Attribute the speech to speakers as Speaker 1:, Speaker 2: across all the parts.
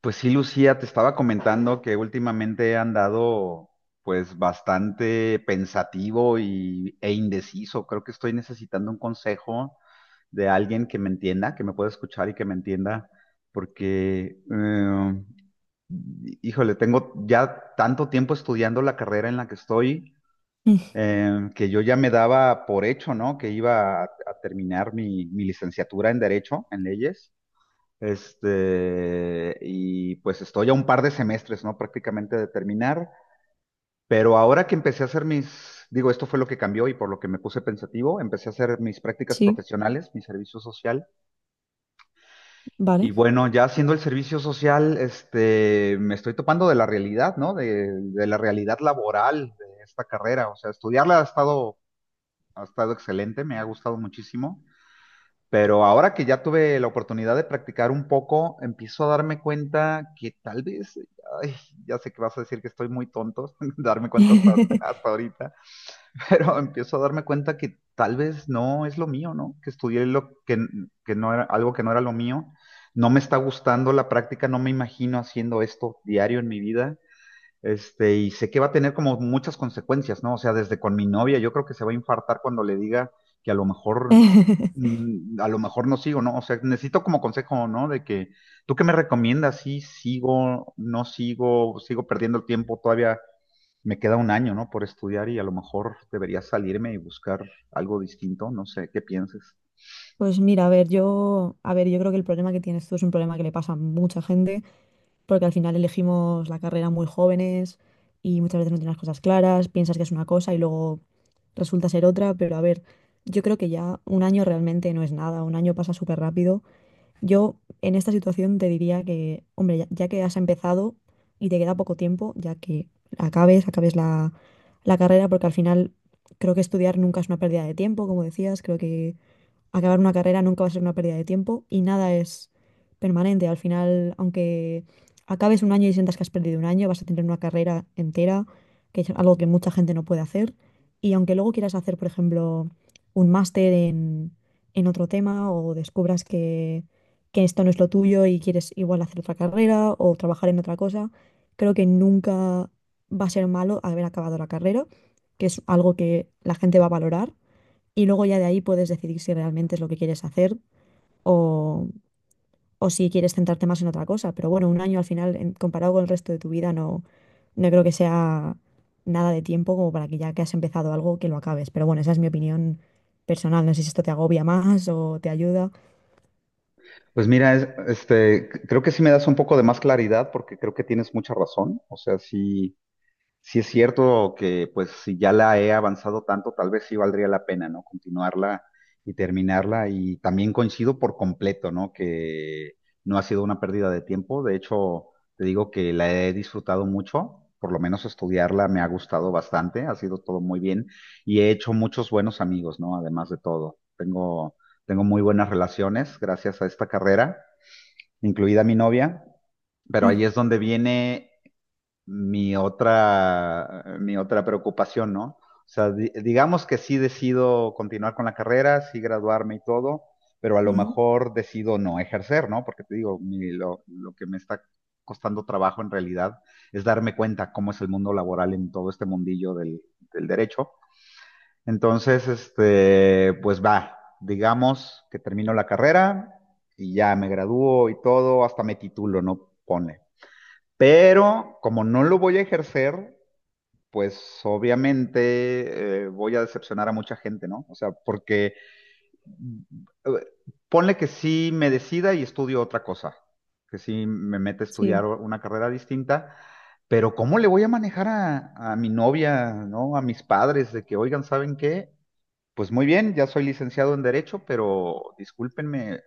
Speaker 1: Pues sí, Lucía, te estaba comentando que últimamente he andado pues bastante pensativo e indeciso. Creo que estoy necesitando un consejo de alguien que me entienda, que me pueda escuchar y que me entienda, porque, híjole, tengo ya tanto tiempo estudiando la carrera en la que estoy,
Speaker 2: Mm,
Speaker 1: que yo ya me daba por hecho, ¿no? Que iba a terminar mi licenciatura en Derecho, en leyes y pues estoy a un par de semestres, ¿no? Prácticamente de terminar, pero ahora que empecé a hacer mis, digo, esto fue lo que cambió y por lo que me puse pensativo, empecé a hacer mis prácticas
Speaker 2: sí,
Speaker 1: profesionales, mi servicio social,
Speaker 2: vale.
Speaker 1: y bueno, ya haciendo el servicio social, me estoy topando de la realidad, ¿no? De la realidad laboral de esta carrera, o sea, estudiarla ha estado excelente, me ha gustado muchísimo. Pero ahora que ya tuve la oportunidad de practicar un poco, empiezo a darme cuenta que tal vez, ay, ya sé que vas a decir que estoy muy tonto, darme cuenta hasta, hasta ahorita, pero empiezo a darme cuenta que tal vez no es lo mío, ¿no? Que estudié lo que no era, algo que no era lo mío. No me está gustando la práctica, no me imagino haciendo esto diario en mi vida. Y sé que va a tener como muchas consecuencias, ¿no? O sea, desde con mi novia, yo creo que se va a infartar cuando le diga que a lo mejor, a lo mejor no sigo, ¿no? O sea, necesito como consejo, ¿no? De que, ¿tú qué me recomiendas? Sí, sigo, no sigo, sigo perdiendo el tiempo, todavía me queda un año, ¿no? Por estudiar y a lo mejor debería salirme y buscar algo distinto, no sé, ¿qué piensas?
Speaker 2: Pues mira, a ver, yo creo que el problema que tienes tú es un problema que le pasa a mucha gente, porque al final elegimos la carrera muy jóvenes y muchas veces no tienes las cosas claras, piensas que es una cosa y luego resulta ser otra. Pero a ver, yo creo que ya un año realmente no es nada, un año pasa súper rápido. Yo en esta situación te diría que, hombre, ya, ya que has empezado y te queda poco tiempo, ya que acabes, acabes la carrera, porque al final creo que estudiar nunca es una pérdida de tiempo, como decías. Creo que acabar una carrera nunca va a ser una pérdida de tiempo y nada es permanente. Al final, aunque acabes un año y sientas que has perdido un año, vas a tener una carrera entera, que es algo que mucha gente no puede hacer. Y aunque luego quieras hacer, por ejemplo, un máster en otro tema o descubras que esto no es lo tuyo y quieres igual hacer otra carrera o trabajar en otra cosa, creo que nunca va a ser malo haber acabado la carrera, que es algo que la gente va a valorar, y luego ya de ahí puedes decidir si realmente es lo que quieres hacer o, o si quieres centrarte más en otra cosa. Pero bueno, un año al final, comparado con el resto de tu vida, no, no creo que sea nada de tiempo como para que ya que has empezado algo, que lo acabes. Pero bueno, esa es mi opinión personal. No sé si esto te agobia más o te ayuda.
Speaker 1: Pues mira, creo que sí me das un poco de más claridad porque creo que tienes mucha razón. O sea, sí. Sí es cierto que pues si ya la he avanzado tanto, tal vez sí valdría la pena, ¿no? Continuarla y terminarla. Y también coincido por completo, ¿no? Que no ha sido una pérdida de tiempo. De hecho, te digo que la he disfrutado mucho. Por lo menos estudiarla me ha gustado bastante. Ha sido todo muy bien. Y he hecho muchos buenos amigos, ¿no? Además de todo. Tengo, tengo muy buenas relaciones gracias a esta carrera, incluida mi novia. Pero ahí es donde viene mi otra preocupación, ¿no? O sea, digamos que sí decido continuar con la carrera, sí graduarme y todo, pero a
Speaker 2: Mm,
Speaker 1: lo
Speaker 2: ujú,
Speaker 1: mejor decido no ejercer, ¿no? Porque te digo, lo que me está costando trabajo en realidad es darme cuenta cómo es el mundo laboral en todo este mundillo del derecho. Entonces, pues va, digamos que termino la carrera y ya me gradúo y todo, hasta me titulo, ¿no? Pone. Pero como no lo voy a ejercer, pues obviamente voy a decepcionar a mucha gente, ¿no? O sea, porque eh, ponle que sí me decida y estudio otra cosa, que sí me mete a estudiar
Speaker 2: sí.
Speaker 1: una carrera distinta, pero ¿cómo le voy a manejar a mi novia, ¿no? A mis padres de que, oigan, ¿saben qué? Pues muy bien, ya soy licenciado en Derecho, pero discúlpenme,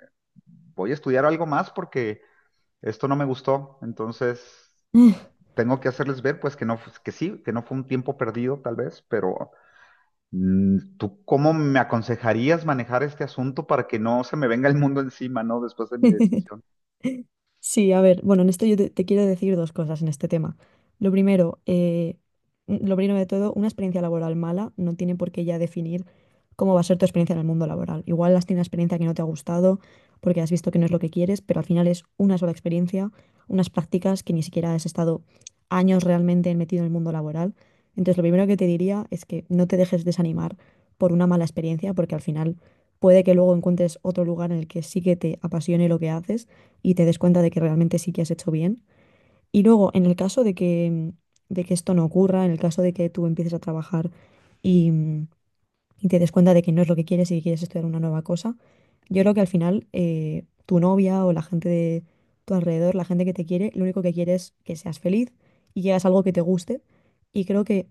Speaker 1: voy a estudiar algo más porque esto no me gustó, entonces tengo que hacerles ver, pues, que no, que sí, que no fue un tiempo perdido, tal vez, pero ¿tú cómo me aconsejarías manejar este asunto para que no se me venga el mundo encima, ¿no? Después de mi decisión.
Speaker 2: Sí, a ver, bueno, en esto yo te, te quiero decir dos cosas en este tema. Lo primero, lo primero de todo, una experiencia laboral mala no tiene por qué ya definir cómo va a ser tu experiencia en el mundo laboral. Igual has tenido una experiencia que no te ha gustado porque has visto que no es lo que quieres, pero al final es una sola experiencia, unas prácticas que ni siquiera has estado años realmente metido en el mundo laboral. Entonces, lo primero que te diría es que no te dejes desanimar por una mala experiencia, porque al final puede que luego encuentres otro lugar en el que sí que te apasione lo que haces y te des cuenta de que realmente sí que has hecho bien. Y luego, en el caso de que esto no ocurra, en el caso de que tú empieces a trabajar y, y te des cuenta de que no es lo que quieres y que quieres estudiar una nueva cosa, yo creo que al final tu novia o la gente de tu alrededor, la gente que te quiere, lo único que quiere es que seas feliz y que hagas algo que te guste. Y creo que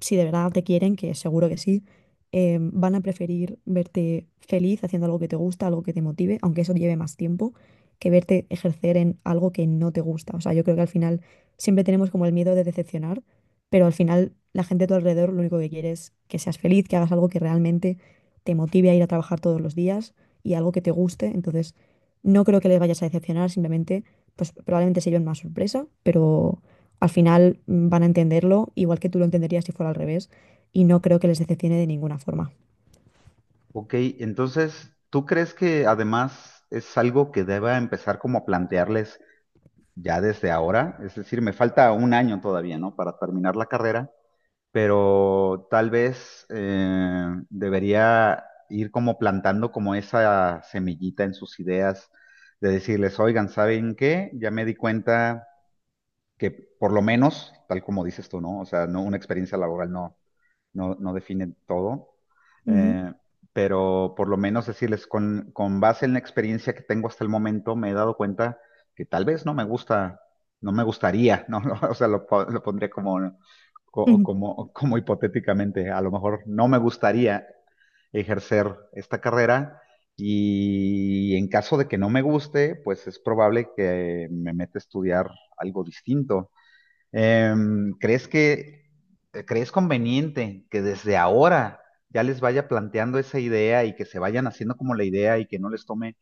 Speaker 2: si de verdad te quieren, que seguro que sí, van a preferir verte feliz haciendo algo que te gusta, algo que te motive, aunque eso lleve más tiempo, que verte ejercer en algo que no te gusta. O sea, yo creo que al final siempre tenemos como el miedo de decepcionar, pero al final la gente a tu alrededor lo único que quiere es que seas feliz, que hagas algo que realmente te motive a ir a trabajar todos los días y algo que te guste. Entonces, no creo que les vayas a decepcionar, simplemente pues probablemente se lleven más sorpresa, pero al final van a entenderlo igual que tú lo entenderías si fuera al revés, y no creo que les decepcione de ninguna forma.
Speaker 1: Ok, entonces, ¿tú crees que además es algo que deba empezar como a plantearles ya desde ahora? Es decir, me falta un año todavía, ¿no? Para terminar la carrera. Pero tal vez debería ir como plantando como esa semillita en sus ideas de decirles, oigan, ¿saben qué? Ya me di cuenta que por lo menos, tal como dices tú, ¿no? O sea, no, una experiencia laboral no define todo,
Speaker 2: Ujú,
Speaker 1: eh, pero por lo menos decirles, con base en la experiencia que tengo hasta el momento, me he dado cuenta que tal vez no me gusta, no me gustaría, ¿no? O sea, lo, lo pondré como,
Speaker 2: ujú,
Speaker 1: como, como hipotéticamente, a lo mejor no me gustaría ejercer esta carrera y en caso de que no me guste, pues es probable que me meta a estudiar algo distinto. ¿Crees que, crees conveniente que desde ahora ya les vaya planteando esa idea y que se vayan haciendo como la idea y que no les tome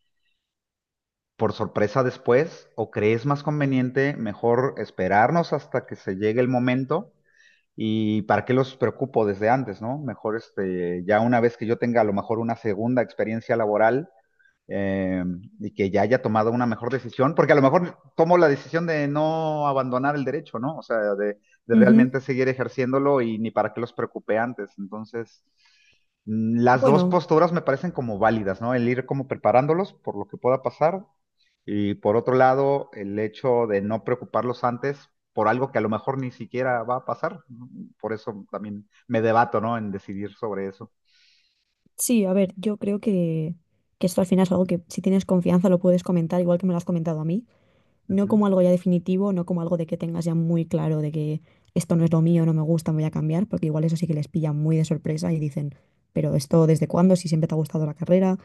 Speaker 1: por sorpresa después? ¿O crees más conveniente mejor esperarnos hasta que se llegue el momento? ¿Y para qué los preocupo desde antes, no? Mejor ya una vez que yo tenga a lo mejor una segunda experiencia laboral eh, y que ya haya tomado una mejor decisión, porque a lo mejor tomo la decisión de no abandonar el derecho, ¿no? O sea, de
Speaker 2: ujú.
Speaker 1: realmente seguir ejerciéndolo y ni para qué los preocupé antes. Entonces, las dos
Speaker 2: Bueno,
Speaker 1: posturas me parecen como válidas, ¿no? El ir como preparándolos por lo que pueda pasar y por otro lado, el hecho de no preocuparlos antes por algo que a lo mejor ni siquiera va a pasar. ¿No? Por eso también me debato, ¿no? En decidir sobre eso.
Speaker 2: sí, a ver, yo creo que esto al final es algo que si tienes confianza lo puedes comentar, igual que me lo has comentado a mí. No
Speaker 1: Ujú.
Speaker 2: como algo ya definitivo, no como algo de que tengas ya muy claro de que esto no es lo mío, no me gusta, me voy a cambiar, porque igual eso sí que les pilla muy de sorpresa y dicen, pero esto desde cuándo, si siempre te ha gustado la carrera.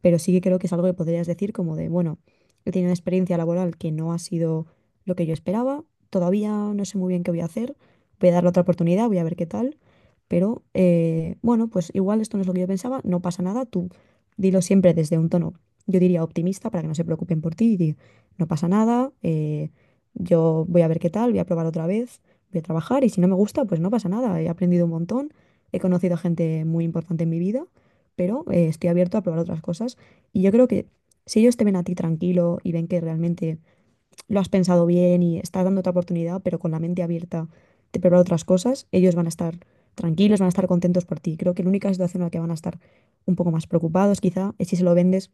Speaker 2: Pero sí que creo que es algo que podrías decir como de, bueno, he tenido una experiencia laboral que no ha sido lo que yo esperaba, todavía no sé muy bien qué voy a hacer, voy a darle otra oportunidad, voy a ver qué tal, pero bueno, pues igual esto no es lo que yo pensaba, no pasa nada, tú dilo siempre desde un tono, yo diría optimista, para que no se preocupen por ti, y di, no pasa nada, yo voy a ver qué tal, voy a probar otra vez, voy a trabajar y si no me gusta, pues no pasa nada, he aprendido un montón, he conocido a gente muy importante en mi vida, pero estoy abierto a probar otras cosas. Y yo creo que si ellos te ven a ti tranquilo y ven que realmente lo has pensado bien y estás dando otra oportunidad, pero con la mente abierta de probar otras cosas, ellos van a estar tranquilos, van a estar contentos por ti. Creo que la única situación en la que van a estar un poco más preocupados quizá es si se lo vendes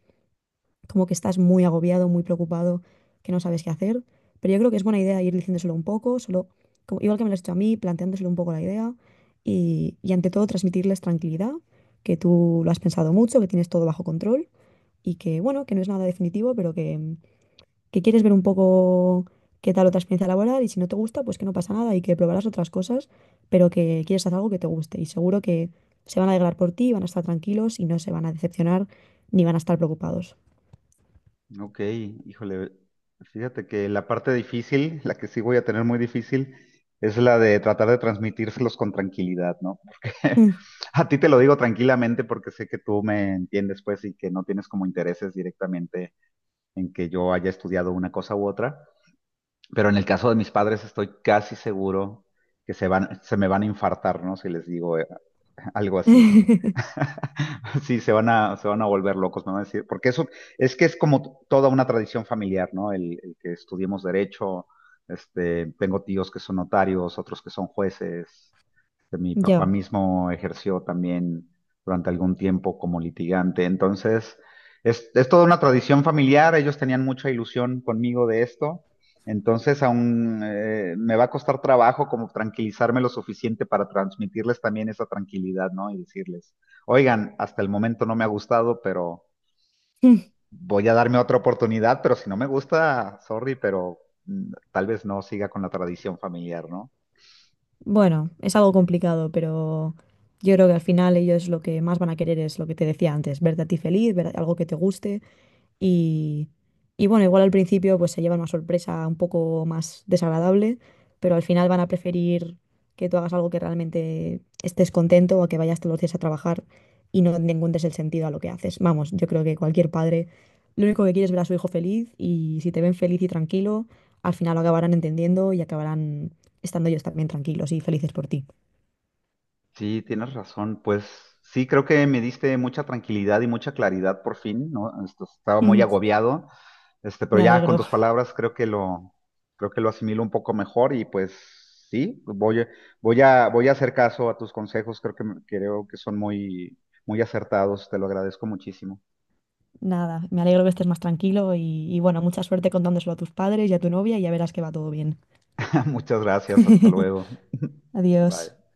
Speaker 2: como que estás muy agobiado, muy preocupado, que no sabes qué hacer. Pero yo creo que es buena idea ir diciéndoselo un poco, solo, igual que me lo has hecho a mí, planteándoselo un poco la idea y ante todo transmitirles tranquilidad, que tú lo has pensado mucho, que tienes todo bajo control y que, bueno, que no es nada definitivo, pero que quieres ver un poco qué tal otra experiencia laboral y si no te gusta, pues que no pasa nada y que probarás otras cosas, pero que quieres hacer algo que te guste, y seguro que se van a alegrar por ti, van a estar tranquilos y no se van a decepcionar ni van a estar preocupados.
Speaker 1: Ok, híjole, fíjate que la parte difícil, la que sí voy a tener muy difícil, es la de tratar de transmitírselos con tranquilidad, ¿no? Porque
Speaker 2: Mm.
Speaker 1: a ti te lo digo tranquilamente porque sé que tú me entiendes, pues, y que no tienes como intereses directamente en que yo haya estudiado una cosa u otra, pero en el caso de mis padres estoy casi seguro que se van, se me van a infartar, ¿no? Si les digo algo así. Sí, se van a volver locos, me van a decir, porque eso es que es como toda una tradición familiar, ¿no? El que estudiemos derecho, tengo tíos que son notarios, otros que son jueces, que mi papá
Speaker 2: Ya.
Speaker 1: mismo ejerció también durante algún tiempo como litigante. Entonces, es toda una tradición familiar, ellos tenían mucha ilusión conmigo de esto, entonces aún me va a costar trabajo como tranquilizarme lo suficiente para transmitirles también esa tranquilidad, ¿no? Y decirles, oigan, hasta el momento no me ha gustado, pero
Speaker 2: Mm.
Speaker 1: voy a darme otra oportunidad, pero si no me gusta, sorry, pero tal vez no siga con la tradición familiar, ¿no?
Speaker 2: Bueno, es algo complicado, pero yo creo que al final ellos lo que más van a querer es lo que te decía antes, verte a ti feliz, ver algo que te guste. Y, y bueno, igual al principio pues se llevan una sorpresa un poco más desagradable, pero al final van a preferir que tú hagas algo que realmente estés contento o que vayas todos los días a trabajar y no le encuentres el sentido a lo que haces. Vamos, yo creo que cualquier padre lo único que quiere es ver a su hijo feliz, y si te ven feliz y tranquilo, al final lo acabarán entendiendo y acabarán estando ellos también tranquilos y felices por ti.
Speaker 1: Sí, tienes razón. Pues sí, creo que me diste mucha tranquilidad y mucha claridad por fin, ¿no? Esto, estaba muy
Speaker 2: Mm,
Speaker 1: agobiado, pero
Speaker 2: me
Speaker 1: ya con
Speaker 2: alegro.
Speaker 1: tus palabras creo que lo asimilo un poco mejor y pues sí, voy a, voy a hacer caso a tus consejos. Creo que, creo que son muy, muy acertados. Te lo agradezco muchísimo.
Speaker 2: Nada, me alegro que estés más tranquilo y bueno, mucha suerte contándoselo a tus padres y a tu novia y ya verás que va todo bien.
Speaker 1: Muchas gracias. Hasta luego.
Speaker 2: Adiós.
Speaker 1: Bye.